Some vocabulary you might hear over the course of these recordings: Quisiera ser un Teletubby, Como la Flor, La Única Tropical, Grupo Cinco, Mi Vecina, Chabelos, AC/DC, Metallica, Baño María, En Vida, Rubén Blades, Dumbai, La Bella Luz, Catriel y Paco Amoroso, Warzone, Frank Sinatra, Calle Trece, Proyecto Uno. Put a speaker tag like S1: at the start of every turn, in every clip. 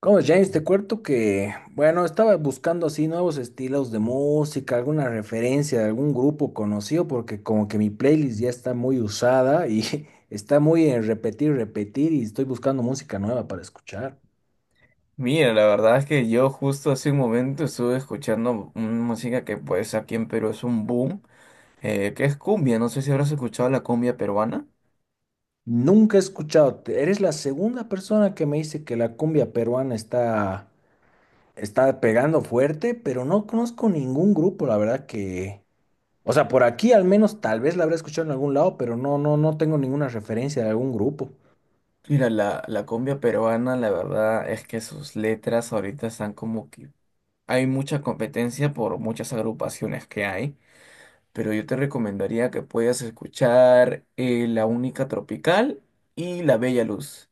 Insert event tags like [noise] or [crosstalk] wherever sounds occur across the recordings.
S1: Como James, te cuento que, bueno, estaba buscando así nuevos estilos de música, alguna referencia de algún grupo conocido, porque como que mi playlist ya está muy usada y [laughs] está muy en repetir, repetir, y estoy buscando música nueva para escuchar.
S2: Mira, la verdad es que yo justo hace un momento estuve escuchando una música que pues aquí en Perú es un boom, que es cumbia, no sé si habrás escuchado la cumbia peruana.
S1: Nunca he escuchado, eres la segunda persona que me dice que la cumbia peruana está pegando fuerte, pero no conozco ningún grupo, la verdad que... O sea, por aquí al menos tal vez la habré escuchado en algún lado, pero no, no, no tengo ninguna referencia de algún grupo.
S2: Mira, la cumbia peruana, la verdad es que sus letras ahorita están como que hay mucha competencia por muchas agrupaciones que hay, pero yo te recomendaría que puedas escuchar La Única Tropical y La Bella Luz.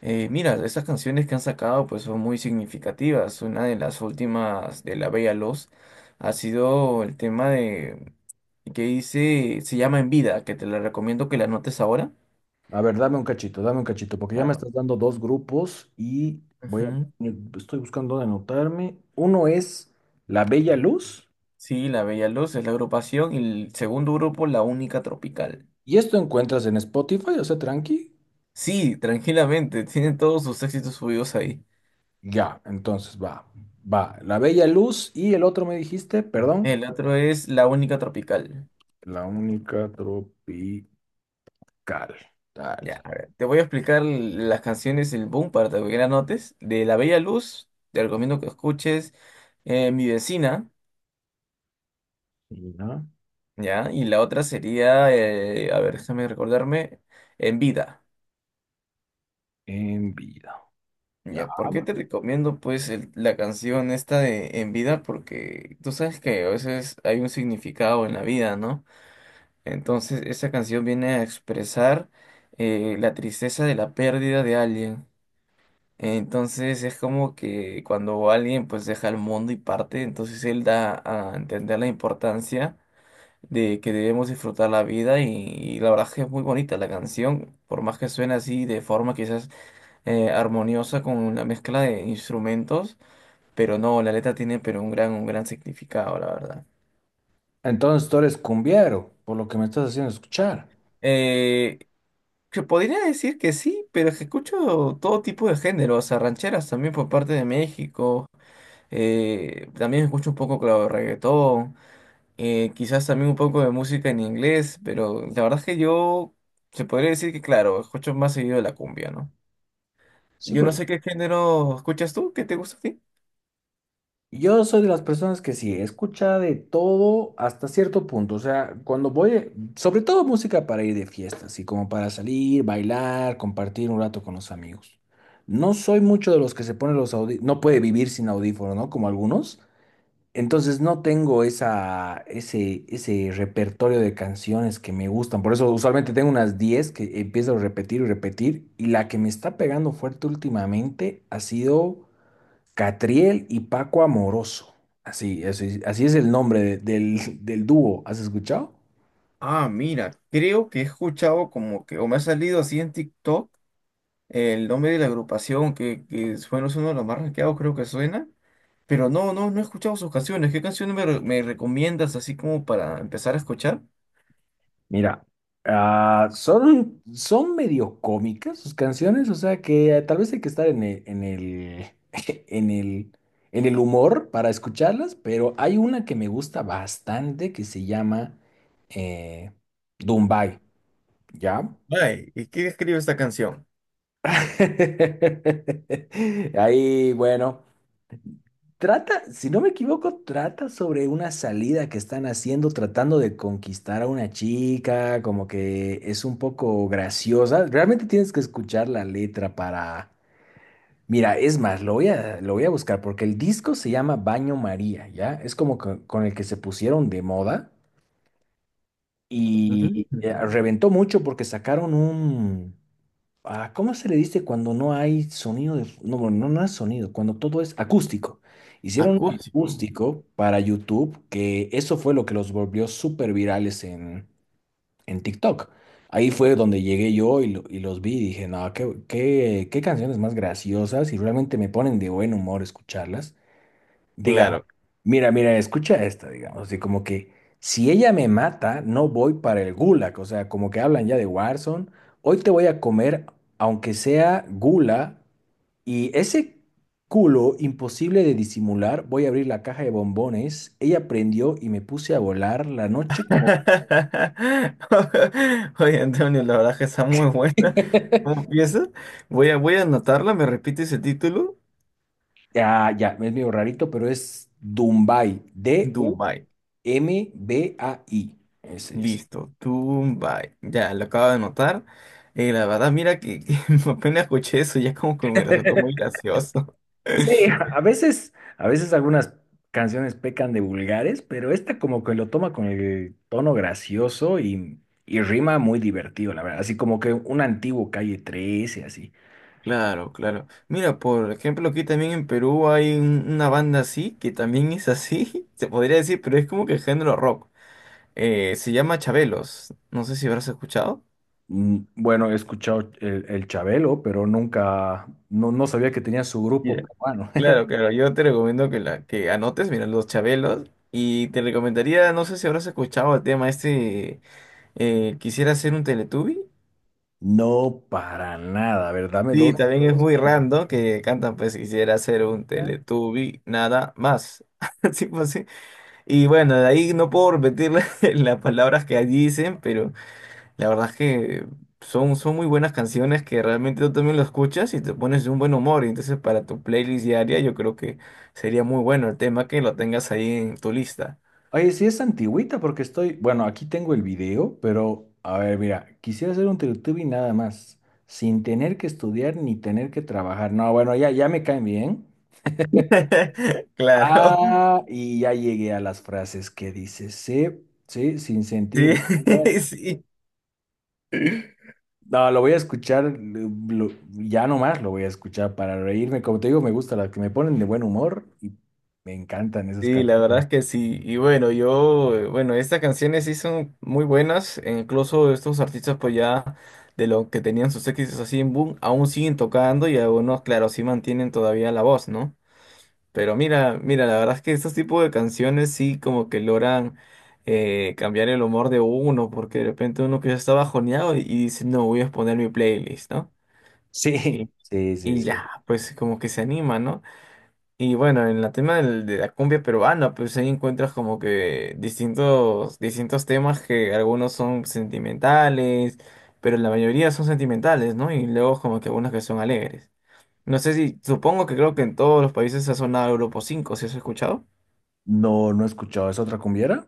S2: Mira, estas canciones que han sacado pues son muy significativas. Una de las últimas de La Bella Luz ha sido el tema de que dice, se llama En Vida, que te la recomiendo que la anotes ahora.
S1: A ver, dame un cachito, porque ya me
S2: Claro.
S1: estás dando dos grupos y voy
S2: Ujú.
S1: a, estoy buscando dónde anotarme. Uno es La Bella Luz,
S2: Sí, La Bella Luz es la agrupación y el segundo grupo, La Única Tropical.
S1: y esto encuentras en Spotify, o sea, tranqui.
S2: Sí, tranquilamente, [laughs] tienen todos sus éxitos subidos ahí.
S1: Ya, entonces va, va, La Bella Luz y el otro me dijiste, perdón,
S2: El otro es La Única Tropical.
S1: La Única Tropical. Dale,
S2: Ya, a ver, te voy a explicar las canciones del boom para que la notes. De La Bella Luz, te recomiendo que escuches Mi Vecina,
S1: ya,
S2: ¿ya? Y la otra sería, a ver, déjame recordarme, En Vida.
S1: en vida. Ya.
S2: ¿Ya? ¿Por qué te recomiendo pues la canción esta de En Vida? Porque tú sabes que a veces hay un significado en la vida, ¿no? Entonces esa canción viene a expresar la tristeza de la pérdida de alguien. Entonces es como que cuando alguien pues deja el mundo y parte, entonces él da a entender la importancia de que debemos disfrutar la vida y la verdad es que es muy bonita la canción, por más que suene así de forma quizás armoniosa con una mezcla de instrumentos, pero no, la letra tiene pero un gran significado, la verdad.
S1: Entonces tú eres cumbiero, por lo que me estás haciendo escuchar.
S2: Eh, que podría decir que sí, pero es que escucho todo tipo de género, o sea, rancheras también por parte de México. También escucho un poco, claro, de reggaetón, quizás también un poco de música en inglés, pero la verdad es que yo se podría decir que, claro, escucho más seguido la cumbia, ¿no?
S1: Sí,
S2: Yo no
S1: porque
S2: sé qué género escuchas tú, ¿qué te gusta a ti?
S1: yo soy de las personas que sí, escucha de todo hasta cierto punto. O sea, cuando voy, sobre todo música para ir de fiesta, así como para salir, bailar, compartir un rato con los amigos. No soy mucho de los que se ponen los audífonos, no puede vivir sin audífonos, ¿no? Como algunos. Entonces no tengo esa, ese repertorio de canciones que me gustan. Por eso usualmente tengo unas 10 que empiezo a repetir y repetir. Y la que me está pegando fuerte últimamente ha sido... Catriel y Paco Amoroso. Así, así, así es el nombre del dúo. ¿Has escuchado?
S2: Ah, mira, creo que he escuchado como que, o me ha salido así en TikTok, el nombre de la agrupación que bueno, es uno de los más rankeados, creo que suena, pero no, no, no he escuchado sus canciones. ¿Qué canciones me recomiendas así como para empezar a escuchar?
S1: Mira, ah, son, son medio cómicas sus canciones, o sea que tal vez hay que estar en el, [laughs] en el, en el humor para escucharlas, pero hay una que me gusta bastante que se llama eh, Dumbai, ¿ya?
S2: Ay, ¿y quién escribe esta canción?
S1: [laughs] Ahí, bueno. Trata, si no me equivoco, trata sobre una salida que están haciendo, tratando de conquistar a una chica, como que es un poco graciosa. Realmente tienes que escuchar la letra para... Mira, es más, lo voy a buscar porque el disco se llama Baño María, ¿ya? Es como con el que se pusieron de moda y
S2: Mm,
S1: reventó mucho porque sacaron un... Ah, ¿cómo se le dice cuando no hay sonido de... No, bueno, no, no es sonido, cuando todo es acústico. Hicieron un
S2: acústico.
S1: acústico para YouTube, que eso fue lo que los volvió súper virales en TikTok. Ahí fue donde llegué yo y, y los vi y dije, no, qué, qué, qué canciones más graciosas y realmente me ponen de buen humor escucharlas. Diga,
S2: Claro.
S1: mira, mira, escucha esta, digamos, así como que si ella me mata, no voy para el gulag, o sea, como que hablan ya de Warzone, hoy te voy a comer, aunque sea gula, y ese culo imposible de disimular, voy a abrir la caja de bombones, ella prendió y me puse a volar la noche como...
S2: [laughs] Oye, Antonio, la verdad que está muy buena.
S1: [laughs]
S2: ¿Cómo empieza? Voy a anotarla, me repites el título.
S1: Ya, ya, es medio rarito, pero es Dumbai,
S2: Dubai.
S1: D-U-M-B-A-I, ese es.
S2: Listo, Dubai. Ya, lo acabo de anotar. La verdad, mira que [laughs] apenas escuché eso, ya como que me resultó muy
S1: [laughs]
S2: gracioso.
S1: Sí, a
S2: [laughs]
S1: veces, a veces algunas canciones pecan de vulgares, pero esta como que lo toma con el tono gracioso y rima muy divertido, la verdad. Así como que un antiguo Calle trece, así.
S2: Claro, claro. Mira, por ejemplo, aquí también en Perú hay una banda así, que también es así, [laughs] se podría decir, pero es como que género rock. Se llama Chabelos. No sé si habrás escuchado.
S1: Mm, bueno, he escuchado el Chabelo, pero nunca, no, no sabía que tenía su grupo
S2: Mira,
S1: peruano.
S2: claro,
S1: [laughs]
S2: claro. Yo te recomiendo que anotes, mira, los Chabelos. Y te recomendaría, no sé si habrás escuchado el tema este, quisiera ser un Teletubby.
S1: No, para nada, a ver, dame
S2: Sí,
S1: dos.
S2: también es
S1: Dos.
S2: muy random que cantan, pues quisiera ser un Teletubby, nada más. [laughs] Así pues, sí. Y bueno, de ahí no puedo repetir [laughs] las palabras que dicen, pero... La verdad es que son muy buenas canciones que realmente tú también lo escuchas y te pones de un buen humor. Y entonces para tu playlist diaria yo creo que sería muy bueno el tema que lo tengas ahí en tu lista.
S1: Oye, sí es antigüita porque estoy, bueno, aquí tengo el video, pero a ver, mira, quisiera hacer un y nada más, sin tener que estudiar ni tener que trabajar. No, bueno, ya, ya me caen bien.
S2: [laughs] Claro,
S1: Ah, y ya llegué a las frases que dice, sí, sí, sin
S2: sí,
S1: sentir.
S2: [laughs] sí.
S1: No, lo voy a escuchar, ya nomás lo voy a escuchar para reírme. Como te digo, me gusta las que me ponen de buen humor y me encantan esas
S2: Sí, la verdad
S1: canciones.
S2: es que sí. Y bueno, yo, bueno, estas canciones sí son muy buenas. E incluso estos artistas pues ya de lo que tenían sus éxitos así en boom, aún siguen tocando y algunos, claro, sí mantienen todavía la voz, ¿no? Pero mira, mira, la verdad es que estos tipos de canciones sí como que logran cambiar el humor de uno, porque de repente uno que ya está bajoneado y dice, no, voy a poner mi playlist, ¿no?
S1: Sí,
S2: Y,
S1: sí, sí,
S2: y
S1: sí.
S2: ya, pues como que se anima, ¿no? Y bueno, en la tema de la cumbia peruana, pues ahí encuentras como que distintos temas que algunos son sentimentales, pero la mayoría son sentimentales, ¿no? Y luego como que algunos que son alegres. No sé si, supongo que creo que en todos los países ha sonado Grupo 5, ¿si has escuchado?
S1: No, no he escuchado. ¿Es otra cumbiera?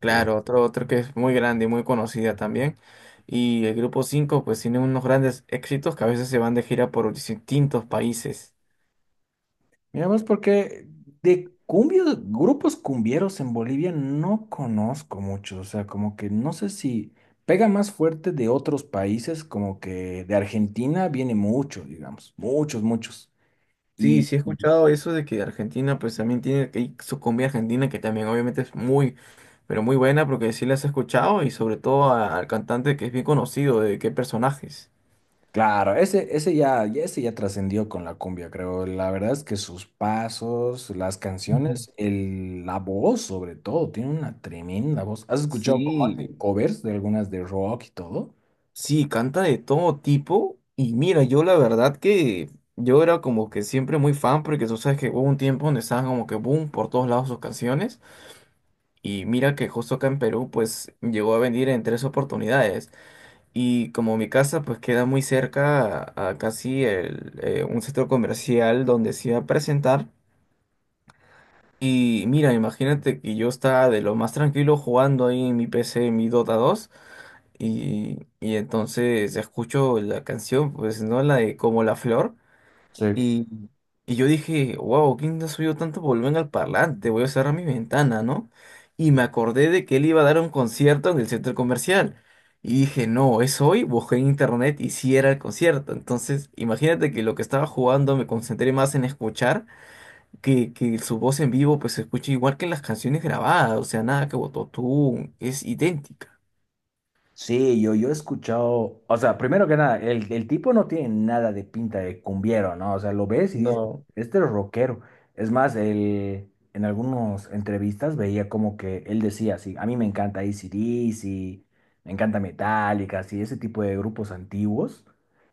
S2: Claro, otro, otro que es muy grande y muy conocida también. Y el grupo 5, pues tiene unos grandes éxitos que a veces se van de gira por distintos países.
S1: Mira vos, porque de cumbios, grupos cumbieros en Bolivia no conozco muchos, o sea, como que no sé si pega más fuerte de otros países, como que de Argentina viene mucho, digamos, muchos, muchos.
S2: Sí,
S1: Y
S2: sí he escuchado eso de que Argentina pues también tiene que hay su cumbia argentina que también obviamente es muy, pero muy buena porque sí las he escuchado y sobre todo al cantante que es bien conocido de qué personajes.
S1: claro, ese ya, ese ya trascendió con la cumbia, creo. La verdad es que sus pasos, las
S2: Ujú.
S1: canciones, el, la voz sobre todo, tiene una tremenda voz. ¿Has escuchado cómo hacen
S2: Sí,
S1: covers de algunas de rock y todo?
S2: sí, canta de todo tipo. Y mira, yo la verdad que yo era como que siempre muy fan, porque tú sabes que hubo un tiempo donde estaban como que boom por todos lados sus canciones. Y mira que justo acá en Perú, pues llegó a venir en tres oportunidades. Y como mi casa, pues queda muy cerca a casi el, un centro comercial donde se iba a presentar. Y mira, imagínate que yo estaba de lo más tranquilo jugando ahí en mi PC, en mi Dota 2. Y entonces escucho la canción, pues, ¿no? La de Como la Flor.
S1: Sí.
S2: Y, y yo dije, wow, ¿quién ha subido tanto volumen al parlante? Voy a cerrar mi ventana, ¿no? Y me acordé de que él iba a dar un concierto en el centro comercial. Y dije, no, es hoy. Busqué en internet y sí era el concierto. Entonces, imagínate que lo que estaba jugando me concentré más en escuchar que su voz en vivo, pues se escucha igual que en las canciones grabadas. O sea, nada que Bototún, es idéntica.
S1: Sí, yo he escuchado, o sea, primero que nada, el tipo no tiene nada de pinta de cumbiero, ¿no? O sea, lo ves y dices,
S2: No.
S1: este es rockero. Es más, él, en algunas entrevistas veía como que él decía, sí, a mí me encanta AC/DC, me encanta Metallica, así, ese tipo de grupos antiguos,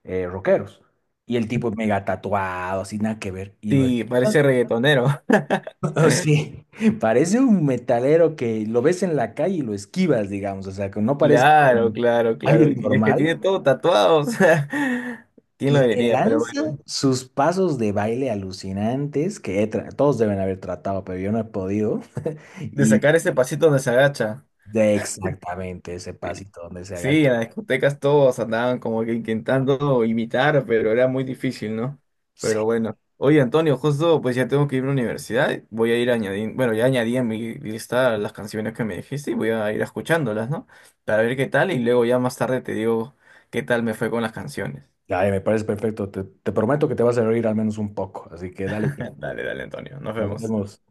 S1: rockeros. Y el tipo mega tatuado, así, nada que ver. Y lo
S2: Sí,
S1: escuchas
S2: parece reggaetonero. [laughs]
S1: [laughs] oh, sí, parece un metalero que lo ves en la calle y lo esquivas, digamos, o sea, que no parece
S2: Claro, claro, claro.
S1: alguien
S2: Y es que
S1: normal
S2: tiene todo tatuado, o sea, [laughs] ¿quién lo
S1: y le
S2: diría? Pero
S1: lanza
S2: bueno,
S1: sus pasos de baile alucinantes que todos deben haber tratado, pero yo no he podido. [laughs]
S2: de
S1: Y
S2: sacar ese pasito donde se agacha.
S1: de exactamente ese pasito donde se agacha.
S2: Sí, en las discotecas todos andaban como que intentando imitar, pero era muy difícil, ¿no?
S1: Sí,
S2: Pero bueno. Oye, Antonio, justo pues ya tengo que ir a la universidad. Voy a ir añadiendo, bueno, ya añadí en mi lista las canciones que me dijiste y voy a ir escuchándolas, ¿no? Para ver qué tal y luego ya más tarde te digo qué tal me fue con las canciones.
S1: ay, me parece perfecto. Te prometo que te vas a reír al menos un poco, así que dale,
S2: [laughs] Dale, dale, Antonio. Nos
S1: nos
S2: vemos.
S1: vemos.